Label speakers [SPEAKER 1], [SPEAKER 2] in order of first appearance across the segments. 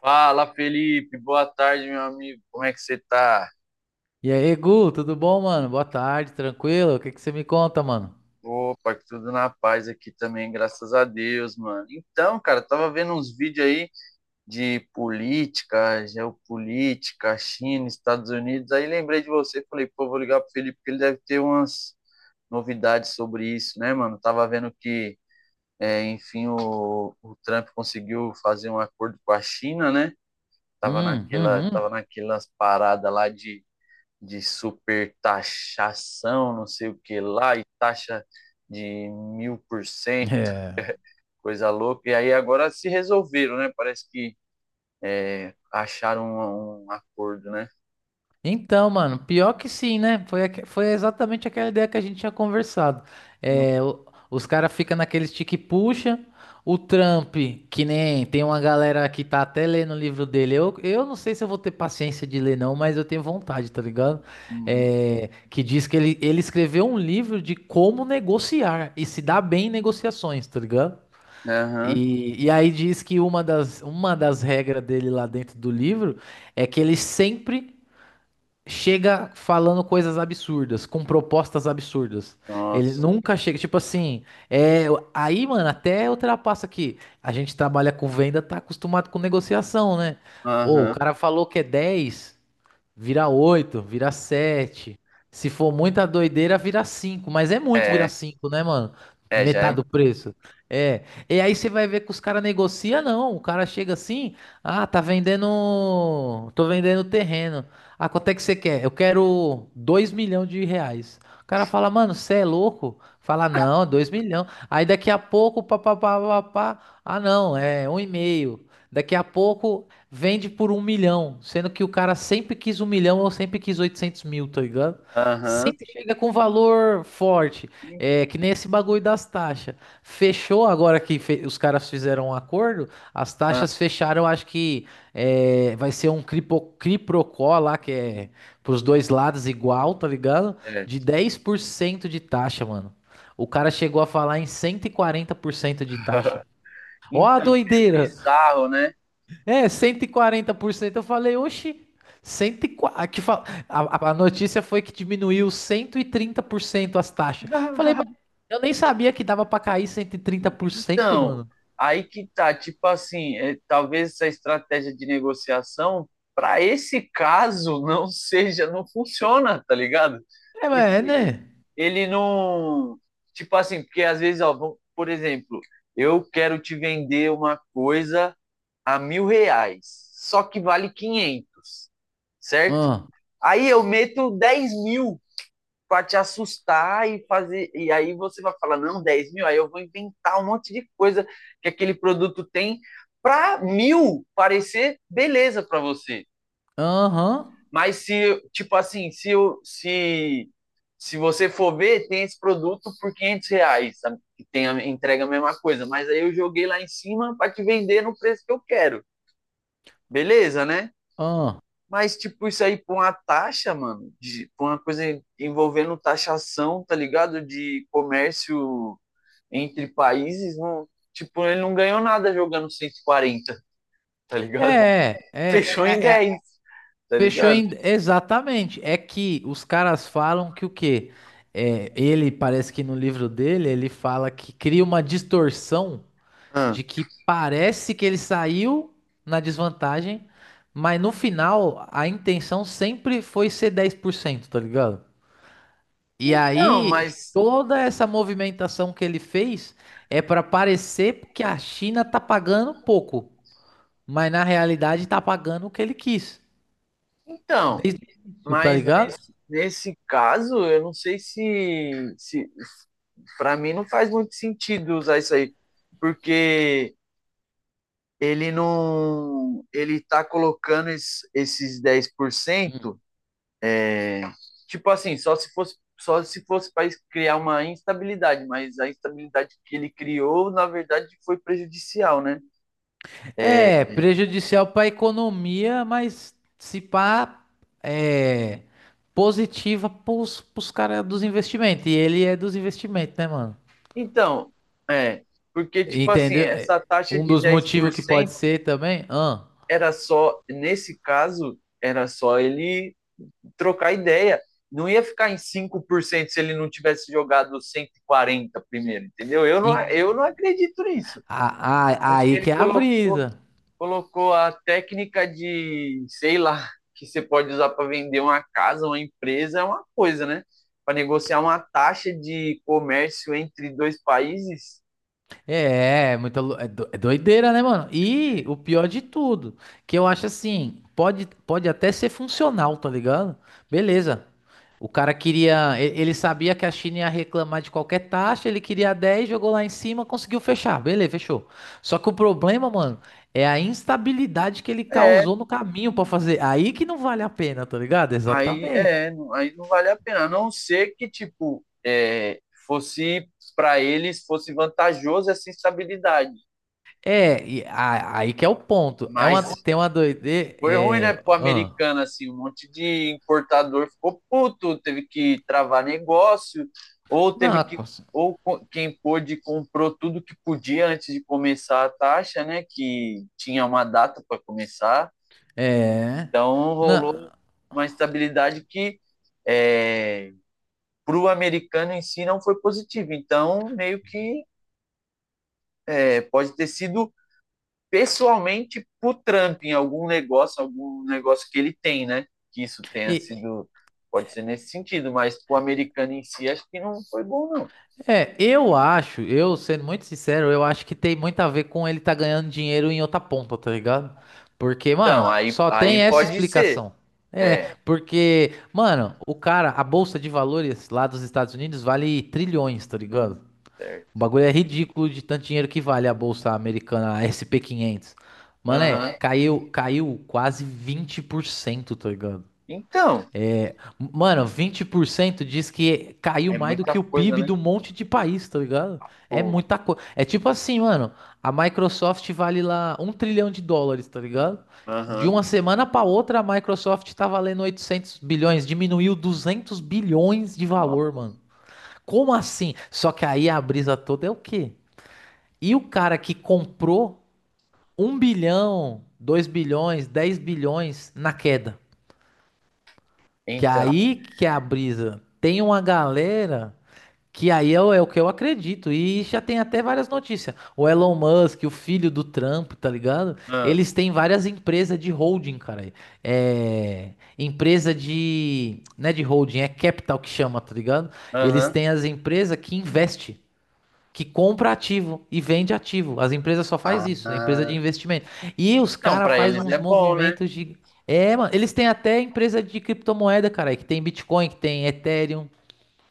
[SPEAKER 1] Fala, Felipe. Boa tarde, meu amigo. Como é que você tá?
[SPEAKER 2] E aí, Gu, tudo bom, mano? Boa tarde, tranquilo? O que que você me conta, mano?
[SPEAKER 1] Opa, que tudo na paz aqui também, graças a Deus, mano. Então, cara, eu tava vendo uns vídeos aí de política, geopolítica, China, Estados Unidos. Aí lembrei de você, falei, pô, vou ligar pro Felipe, porque ele deve ter umas novidades sobre isso, né, mano? Tava vendo que, enfim, o Trump conseguiu fazer um acordo com a China, né? Tava
[SPEAKER 2] Hum,
[SPEAKER 1] naquela, tava
[SPEAKER 2] uhum.
[SPEAKER 1] naquelas paradas lá de supertaxação, não sei o que lá, e taxa de mil por cento,
[SPEAKER 2] É.
[SPEAKER 1] coisa louca. E aí agora se resolveram, né? Parece que acharam um acordo, né?
[SPEAKER 2] Então, mano, pior que sim, né? Foi exatamente aquela ideia que a gente tinha conversado. É, o- os caras ficam naquele stick puxa, o Trump, que nem tem uma galera que tá até lendo o livro dele. Eu não sei se eu vou ter paciência de ler, não, mas eu tenho vontade, tá ligado?
[SPEAKER 1] Uhum.
[SPEAKER 2] É, que diz que ele escreveu um livro de como negociar e se dar bem em negociações, tá ligado?
[SPEAKER 1] Aham.
[SPEAKER 2] E aí diz que uma das regras dele lá dentro do livro é que ele sempre chega falando coisas absurdas, com propostas absurdas. Ele
[SPEAKER 1] Nossa.
[SPEAKER 2] nunca chega, tipo assim, é, aí, mano, até ultrapassa aqui. A gente trabalha com venda, tá acostumado com negociação, né? Ou o
[SPEAKER 1] Aham.
[SPEAKER 2] cara falou que é 10. Vira 8, vira sete. Se for muita doideira, vira cinco. Mas é muito virar
[SPEAKER 1] É,
[SPEAKER 2] 5, né, mano?
[SPEAKER 1] é, já é.
[SPEAKER 2] Metade do preço. É. E aí você vai ver que os caras negociam, não. O cara chega assim, ah, tá vendendo. Tô vendendo terreno. Ah, quanto é que você quer? Eu quero R$ 2.000.000. O cara fala, mano, você é louco? Fala, não, 2.000.000. Aí daqui a pouco, pá, pá, pá, pá, pá. Ah, não, é um e meio. Daqui a pouco, vende por 1.000.000, sendo que o cara sempre quis 1.000.000 ou sempre quis 800.000, tá ligado?
[SPEAKER 1] Aham.
[SPEAKER 2] Sempre chega com valor forte,
[SPEAKER 1] Então,
[SPEAKER 2] é que nem esse bagulho das taxas. Fechou agora que fe- Os caras fizeram um acordo, as taxas fecharam, acho que vai ser um criprocó lá, que é pros dois lados igual, tá ligado?
[SPEAKER 1] é.
[SPEAKER 2] De 10% de taxa, mano. O cara chegou a falar em 140% de taxa. Ó a
[SPEAKER 1] Então, meio
[SPEAKER 2] doideira!
[SPEAKER 1] bizarro, né?
[SPEAKER 2] É, 140%. Eu falei, oxi, 140, que fa- a notícia foi que diminuiu 130% as taxas. Falei, mas eu nem sabia que dava pra cair 130%,
[SPEAKER 1] Então,
[SPEAKER 2] mano.
[SPEAKER 1] aí que tá, tipo assim, talvez essa estratégia de negociação para esse caso não seja, não funciona, tá ligado?
[SPEAKER 2] É, mas é,
[SPEAKER 1] Porque
[SPEAKER 2] né?
[SPEAKER 1] ele não, tipo assim, porque às vezes, ó, vamos- por exemplo, eu quero te vender uma coisa a mil reais, só que vale quinhentos, certo?
[SPEAKER 2] Ah,
[SPEAKER 1] Aí eu meto 10 mil para te assustar e fazer. E aí você vai falar, não, 10 mil, aí eu vou inventar um monte de coisa que aquele produto tem para mil parecer beleza para você.
[SPEAKER 2] aham,
[SPEAKER 1] Mas se, tipo assim, se, eu, se você for ver, tem esse produto por 500 reais, sabe? Que tem a, entrega a mesma coisa, mas aí eu joguei lá em cima para te vender no preço que eu quero. Beleza, né?
[SPEAKER 2] ah.
[SPEAKER 1] Mas, tipo, isso aí por uma taxa, mano, de, por uma coisa envolvendo taxação, tá ligado? De comércio entre países, não, tipo, ele não ganhou nada jogando 140, tá ligado?
[SPEAKER 2] É, é,
[SPEAKER 1] Fechou em
[SPEAKER 2] é, é,
[SPEAKER 1] dez, tá
[SPEAKER 2] fechou
[SPEAKER 1] ligado?
[SPEAKER 2] em... Exatamente. É que os caras falam que o quê? É, ele, parece que no livro dele, ele fala que cria uma distorção
[SPEAKER 1] Ah.
[SPEAKER 2] de que parece que ele saiu na desvantagem, mas no final a intenção sempre foi ser 10%, tá ligado? E
[SPEAKER 1] Então,
[SPEAKER 2] aí
[SPEAKER 1] mas.
[SPEAKER 2] toda essa movimentação que ele fez é para parecer que a China tá pagando pouco, mas na realidade tá pagando o que ele quis.
[SPEAKER 1] Então,
[SPEAKER 2] Desde o início, tá
[SPEAKER 1] mas
[SPEAKER 2] ligado?
[SPEAKER 1] nesse caso, eu não sei se, se. Pra mim não faz muito sentido usar isso aí, porque ele não. Ele tá colocando es- esses dez por cento, tipo assim, só se fosse. Só se fosse para criar uma instabilidade, mas a instabilidade que ele criou, na verdade, foi prejudicial, né?
[SPEAKER 2] É prejudicial para a economia, mas se pá, é positiva pros, pros caras dos investimentos. E ele é dos investimentos, né, mano?
[SPEAKER 1] Então, é, porque, tipo assim,
[SPEAKER 2] Entendeu? É,
[SPEAKER 1] essa taxa
[SPEAKER 2] um
[SPEAKER 1] de
[SPEAKER 2] dos
[SPEAKER 1] dez por
[SPEAKER 2] motivos que pode
[SPEAKER 1] cento
[SPEAKER 2] ser também. Ah,
[SPEAKER 1] era só, nesse caso, era só ele trocar ideia. Não ia ficar em 5% se ele não tivesse jogado 140 primeiro, entendeu?
[SPEAKER 2] em-
[SPEAKER 1] Eu não acredito nisso. Acho que
[SPEAKER 2] aí que
[SPEAKER 1] ele
[SPEAKER 2] é a
[SPEAKER 1] colocou,
[SPEAKER 2] brisa.
[SPEAKER 1] colocou a técnica de, sei lá, que você pode usar para vender uma casa, uma empresa, é uma coisa, né? Para negociar uma taxa de comércio entre dois países,
[SPEAKER 2] É, é muita, lou- é do- é doideira, né, mano? E o pior de tudo, que eu acho assim, pode até ser funcional, tá ligado? Beleza. O cara queria, ele sabia que a China ia reclamar de qualquer taxa, ele queria 10, jogou lá em cima, conseguiu fechar. Beleza, fechou. Só que o problema, mano, é a instabilidade que ele
[SPEAKER 1] é,
[SPEAKER 2] causou no caminho pra fazer. Aí que não vale a pena, tá ligado?
[SPEAKER 1] aí
[SPEAKER 2] Exatamente.
[SPEAKER 1] é, não- aí não vale a pena. A não ser que, tipo, fosse para eles, fosse vantajoso essa estabilidade.
[SPEAKER 2] É, aí que é o ponto. É
[SPEAKER 1] Mas
[SPEAKER 2] uma, tem uma doideira.
[SPEAKER 1] foi ruim, né,
[SPEAKER 2] É,
[SPEAKER 1] pro
[SPEAKER 2] ahn.
[SPEAKER 1] americano, assim, um monte de importador ficou puto, teve que travar negócio, ou
[SPEAKER 2] Não,
[SPEAKER 1] teve que, ou co- quem pôde comprou tudo que podia antes de começar a taxa, né, que tinha uma data para começar,
[SPEAKER 2] é.
[SPEAKER 1] então rolou
[SPEAKER 2] Na...
[SPEAKER 1] uma estabilidade que é, para o americano em si não foi positivo, então meio que pode ter sido pessoalmente pro Trump em algum negócio que ele tem, né? Que isso tenha
[SPEAKER 2] E,
[SPEAKER 1] sido, pode ser nesse sentido, mas pro americano em si acho que não foi bom, não.
[SPEAKER 2] eu sendo muito sincero, eu acho que tem muito a ver com ele tá ganhando dinheiro em outra ponta, tá ligado? Porque,
[SPEAKER 1] Então,
[SPEAKER 2] mano, só tem
[SPEAKER 1] aí
[SPEAKER 2] essa
[SPEAKER 1] pode ser.
[SPEAKER 2] explicação. É,
[SPEAKER 1] É,
[SPEAKER 2] porque, mano, o cara, a bolsa de valores lá dos Estados Unidos vale trilhões, tá ligado? O
[SPEAKER 1] certo.
[SPEAKER 2] bagulho é ridículo de tanto dinheiro que vale a bolsa americana, a SP 500. Mano, é,
[SPEAKER 1] Aham.
[SPEAKER 2] caiu quase 20%, tá ligado?
[SPEAKER 1] Então,
[SPEAKER 2] É, mano, 20% diz que caiu
[SPEAKER 1] é
[SPEAKER 2] mais do que
[SPEAKER 1] muita
[SPEAKER 2] o
[SPEAKER 1] coisa,
[SPEAKER 2] PIB
[SPEAKER 1] né?
[SPEAKER 2] do monte de país, tá ligado? É
[SPEAKER 1] Pô,
[SPEAKER 2] muita coisa. É tipo assim, mano, a Microsoft vale lá US$ 1.000.000.000.000, tá ligado? De
[SPEAKER 1] aham.
[SPEAKER 2] uma semana pra outra, a Microsoft tá valendo 800.000.000.000, diminuiu 200.000.000.000 de
[SPEAKER 1] Ó,
[SPEAKER 2] valor, mano. Como assim? Só que aí a brisa toda é o quê? E o cara que comprou 1.000.000.000, 2.000.000.000, 10.000.000.000 na queda? Que
[SPEAKER 1] então,
[SPEAKER 2] aí que é a brisa. Tem uma galera que aí é o que eu acredito. E já tem até várias notícias. O Elon Musk, o filho do Trump, tá ligado?
[SPEAKER 1] ah,
[SPEAKER 2] Eles têm várias empresas de holding, cara. É. Empresa de. Não é de holding, é capital que chama, tá ligado? Eles
[SPEAKER 1] aham.
[SPEAKER 2] têm as empresas que investem que compra ativo e vende ativo. As empresas só faz isso, a empresa
[SPEAKER 1] Ah,
[SPEAKER 2] de investimento. E os
[SPEAKER 1] não,
[SPEAKER 2] caras
[SPEAKER 1] para
[SPEAKER 2] faz
[SPEAKER 1] eles
[SPEAKER 2] uns
[SPEAKER 1] é bom, né?
[SPEAKER 2] movimentos de É, mano, eles têm até empresa de criptomoeda, cara, que tem Bitcoin, que tem Ethereum,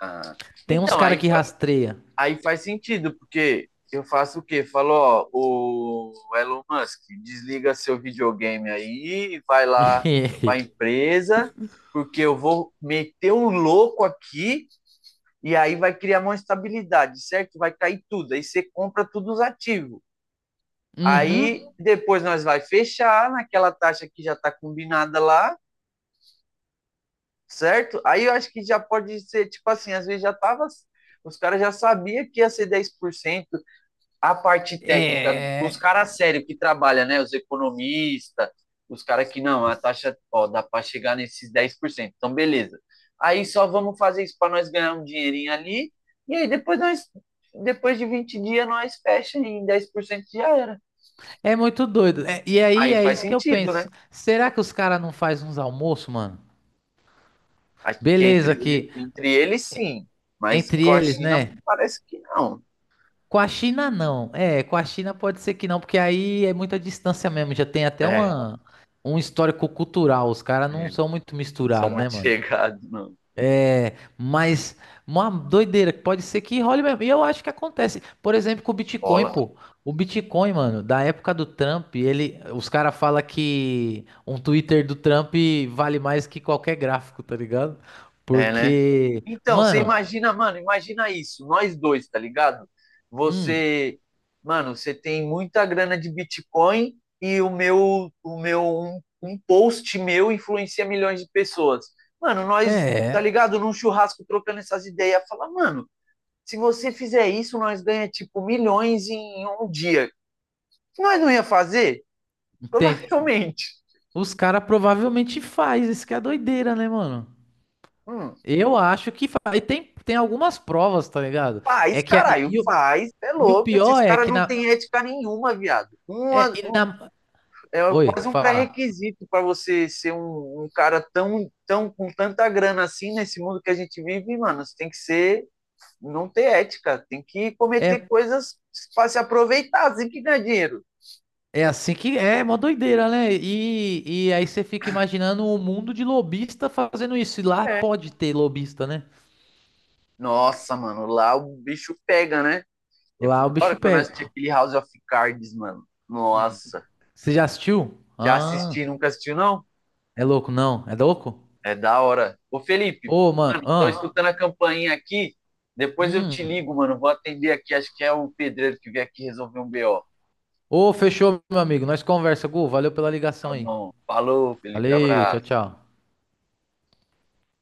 [SPEAKER 1] Ah.
[SPEAKER 2] tem uns
[SPEAKER 1] Então,
[SPEAKER 2] cara
[SPEAKER 1] aí.
[SPEAKER 2] que rastreia.
[SPEAKER 1] Aí faz sentido, porque eu faço o quê? Falo, ó, o Elon Musk, desliga seu videogame aí, vai lá para a empresa, porque eu vou meter um louco aqui e aí vai criar uma estabilidade, certo? Vai cair tudo, aí você compra todos os ativos. Aí
[SPEAKER 2] Uhum.
[SPEAKER 1] depois nós vai fechar naquela taxa que já está combinada lá, certo? Aí eu acho que já pode ser, tipo assim, às vezes já tava os caras já sabiam que ia ser 10% a parte técnica, os
[SPEAKER 2] É,
[SPEAKER 1] caras sérios que trabalham, né? Os economistas, os caras que não, a taxa, ó, dá para chegar nesses dez por cento. Então, beleza. Aí só vamos fazer isso para nós ganhar um dinheirinho ali. E aí depois nós, depois de 20 dias, nós fecha em 10% já era.
[SPEAKER 2] é muito doido. É, e aí
[SPEAKER 1] Aí
[SPEAKER 2] é
[SPEAKER 1] faz
[SPEAKER 2] isso que eu
[SPEAKER 1] sentido, né?
[SPEAKER 2] penso. Será que os caras não faz uns almoços, mano?
[SPEAKER 1] Acho que entre,
[SPEAKER 2] Beleza que
[SPEAKER 1] ele- entre eles, sim. Mas
[SPEAKER 2] entre
[SPEAKER 1] com a
[SPEAKER 2] eles,
[SPEAKER 1] China,
[SPEAKER 2] né?
[SPEAKER 1] parece que não.
[SPEAKER 2] Com a China, não. É, com a China pode ser que não, porque aí é muita distância mesmo. Já tem
[SPEAKER 1] É,
[SPEAKER 2] até
[SPEAKER 1] é,
[SPEAKER 2] uma, um histórico cultural. Os caras não são muito
[SPEAKER 1] não são
[SPEAKER 2] misturados, né,
[SPEAKER 1] muito
[SPEAKER 2] mano?
[SPEAKER 1] chegados, não.
[SPEAKER 2] Mas uma doideira, que pode ser que role mesmo. E eu acho que acontece. Por exemplo, com o Bitcoin,
[SPEAKER 1] Bola.
[SPEAKER 2] pô. O Bitcoin, mano, da época do Trump, ele, os caras falam que um Twitter do Trump vale mais que qualquer gráfico, tá ligado?
[SPEAKER 1] É, né?
[SPEAKER 2] Porque,
[SPEAKER 1] Então, você
[SPEAKER 2] mano,
[SPEAKER 1] imagina, mano, imagina isso, nós dois, tá ligado?
[SPEAKER 2] hum,
[SPEAKER 1] Você, mano, você tem muita grana de Bitcoin e o meu um post meu influencia milhões de pessoas. Mano, nós, tá
[SPEAKER 2] é.
[SPEAKER 1] ligado? Num churrasco trocando essas ideias, fala, mano, se você fizer isso, nós ganha tipo milhões em um dia. Nós não ia fazer?
[SPEAKER 2] Tem,
[SPEAKER 1] Provavelmente.
[SPEAKER 2] os caras provavelmente faz, isso que é doideira, né, mano?
[SPEAKER 1] Hum,
[SPEAKER 2] Eu acho que faz. E tem algumas provas, tá ligado?
[SPEAKER 1] faz,
[SPEAKER 2] É que,
[SPEAKER 1] caralho, faz. É
[SPEAKER 2] e o
[SPEAKER 1] louco.
[SPEAKER 2] pior
[SPEAKER 1] Esses
[SPEAKER 2] é
[SPEAKER 1] caras
[SPEAKER 2] que
[SPEAKER 1] não
[SPEAKER 2] na,
[SPEAKER 1] têm ética nenhuma, viado.
[SPEAKER 2] é,
[SPEAKER 1] Uma,
[SPEAKER 2] e na-
[SPEAKER 1] é
[SPEAKER 2] Oi,
[SPEAKER 1] quase um
[SPEAKER 2] fala.
[SPEAKER 1] pré-requisito para você ser um cara tão, tão com tanta grana assim nesse mundo que a gente vive, mano. Você tem que ser, não ter ética, tem que cometer
[SPEAKER 2] É,
[SPEAKER 1] coisas para se aproveitar, assim que ganha dinheiro.
[SPEAKER 2] é assim que é, uma doideira, né? E aí você fica imaginando o mundo de lobista fazendo isso. E lá
[SPEAKER 1] É.
[SPEAKER 2] pode ter lobista, né?
[SPEAKER 1] Nossa, mano, lá o bicho pega, né? E
[SPEAKER 2] Lá o
[SPEAKER 1] foi da
[SPEAKER 2] bicho
[SPEAKER 1] hora que eu
[SPEAKER 2] pega.
[SPEAKER 1] assisti aquele House of Cards, mano.
[SPEAKER 2] Hum,
[SPEAKER 1] Nossa,
[SPEAKER 2] Você já assistiu?
[SPEAKER 1] já
[SPEAKER 2] Ah,
[SPEAKER 1] assisti, nunca assistiu, não?
[SPEAKER 2] é louco, não. É louco?
[SPEAKER 1] É da hora. Ô, Felipe,
[SPEAKER 2] Ô, mano,
[SPEAKER 1] mano, tô
[SPEAKER 2] ah.
[SPEAKER 1] escutando a campainha aqui. Depois eu te
[SPEAKER 2] Hum.
[SPEAKER 1] ligo, mano. Vou atender aqui. Acho que é o pedreiro que veio aqui resolver um BO.
[SPEAKER 2] Ô, fechou, meu amigo. Nós conversa, Gu. Valeu pela
[SPEAKER 1] Tá
[SPEAKER 2] ligação aí.
[SPEAKER 1] bom. Falou, Felipe.
[SPEAKER 2] Valeu, tchau,
[SPEAKER 1] Abraço.
[SPEAKER 2] tchau.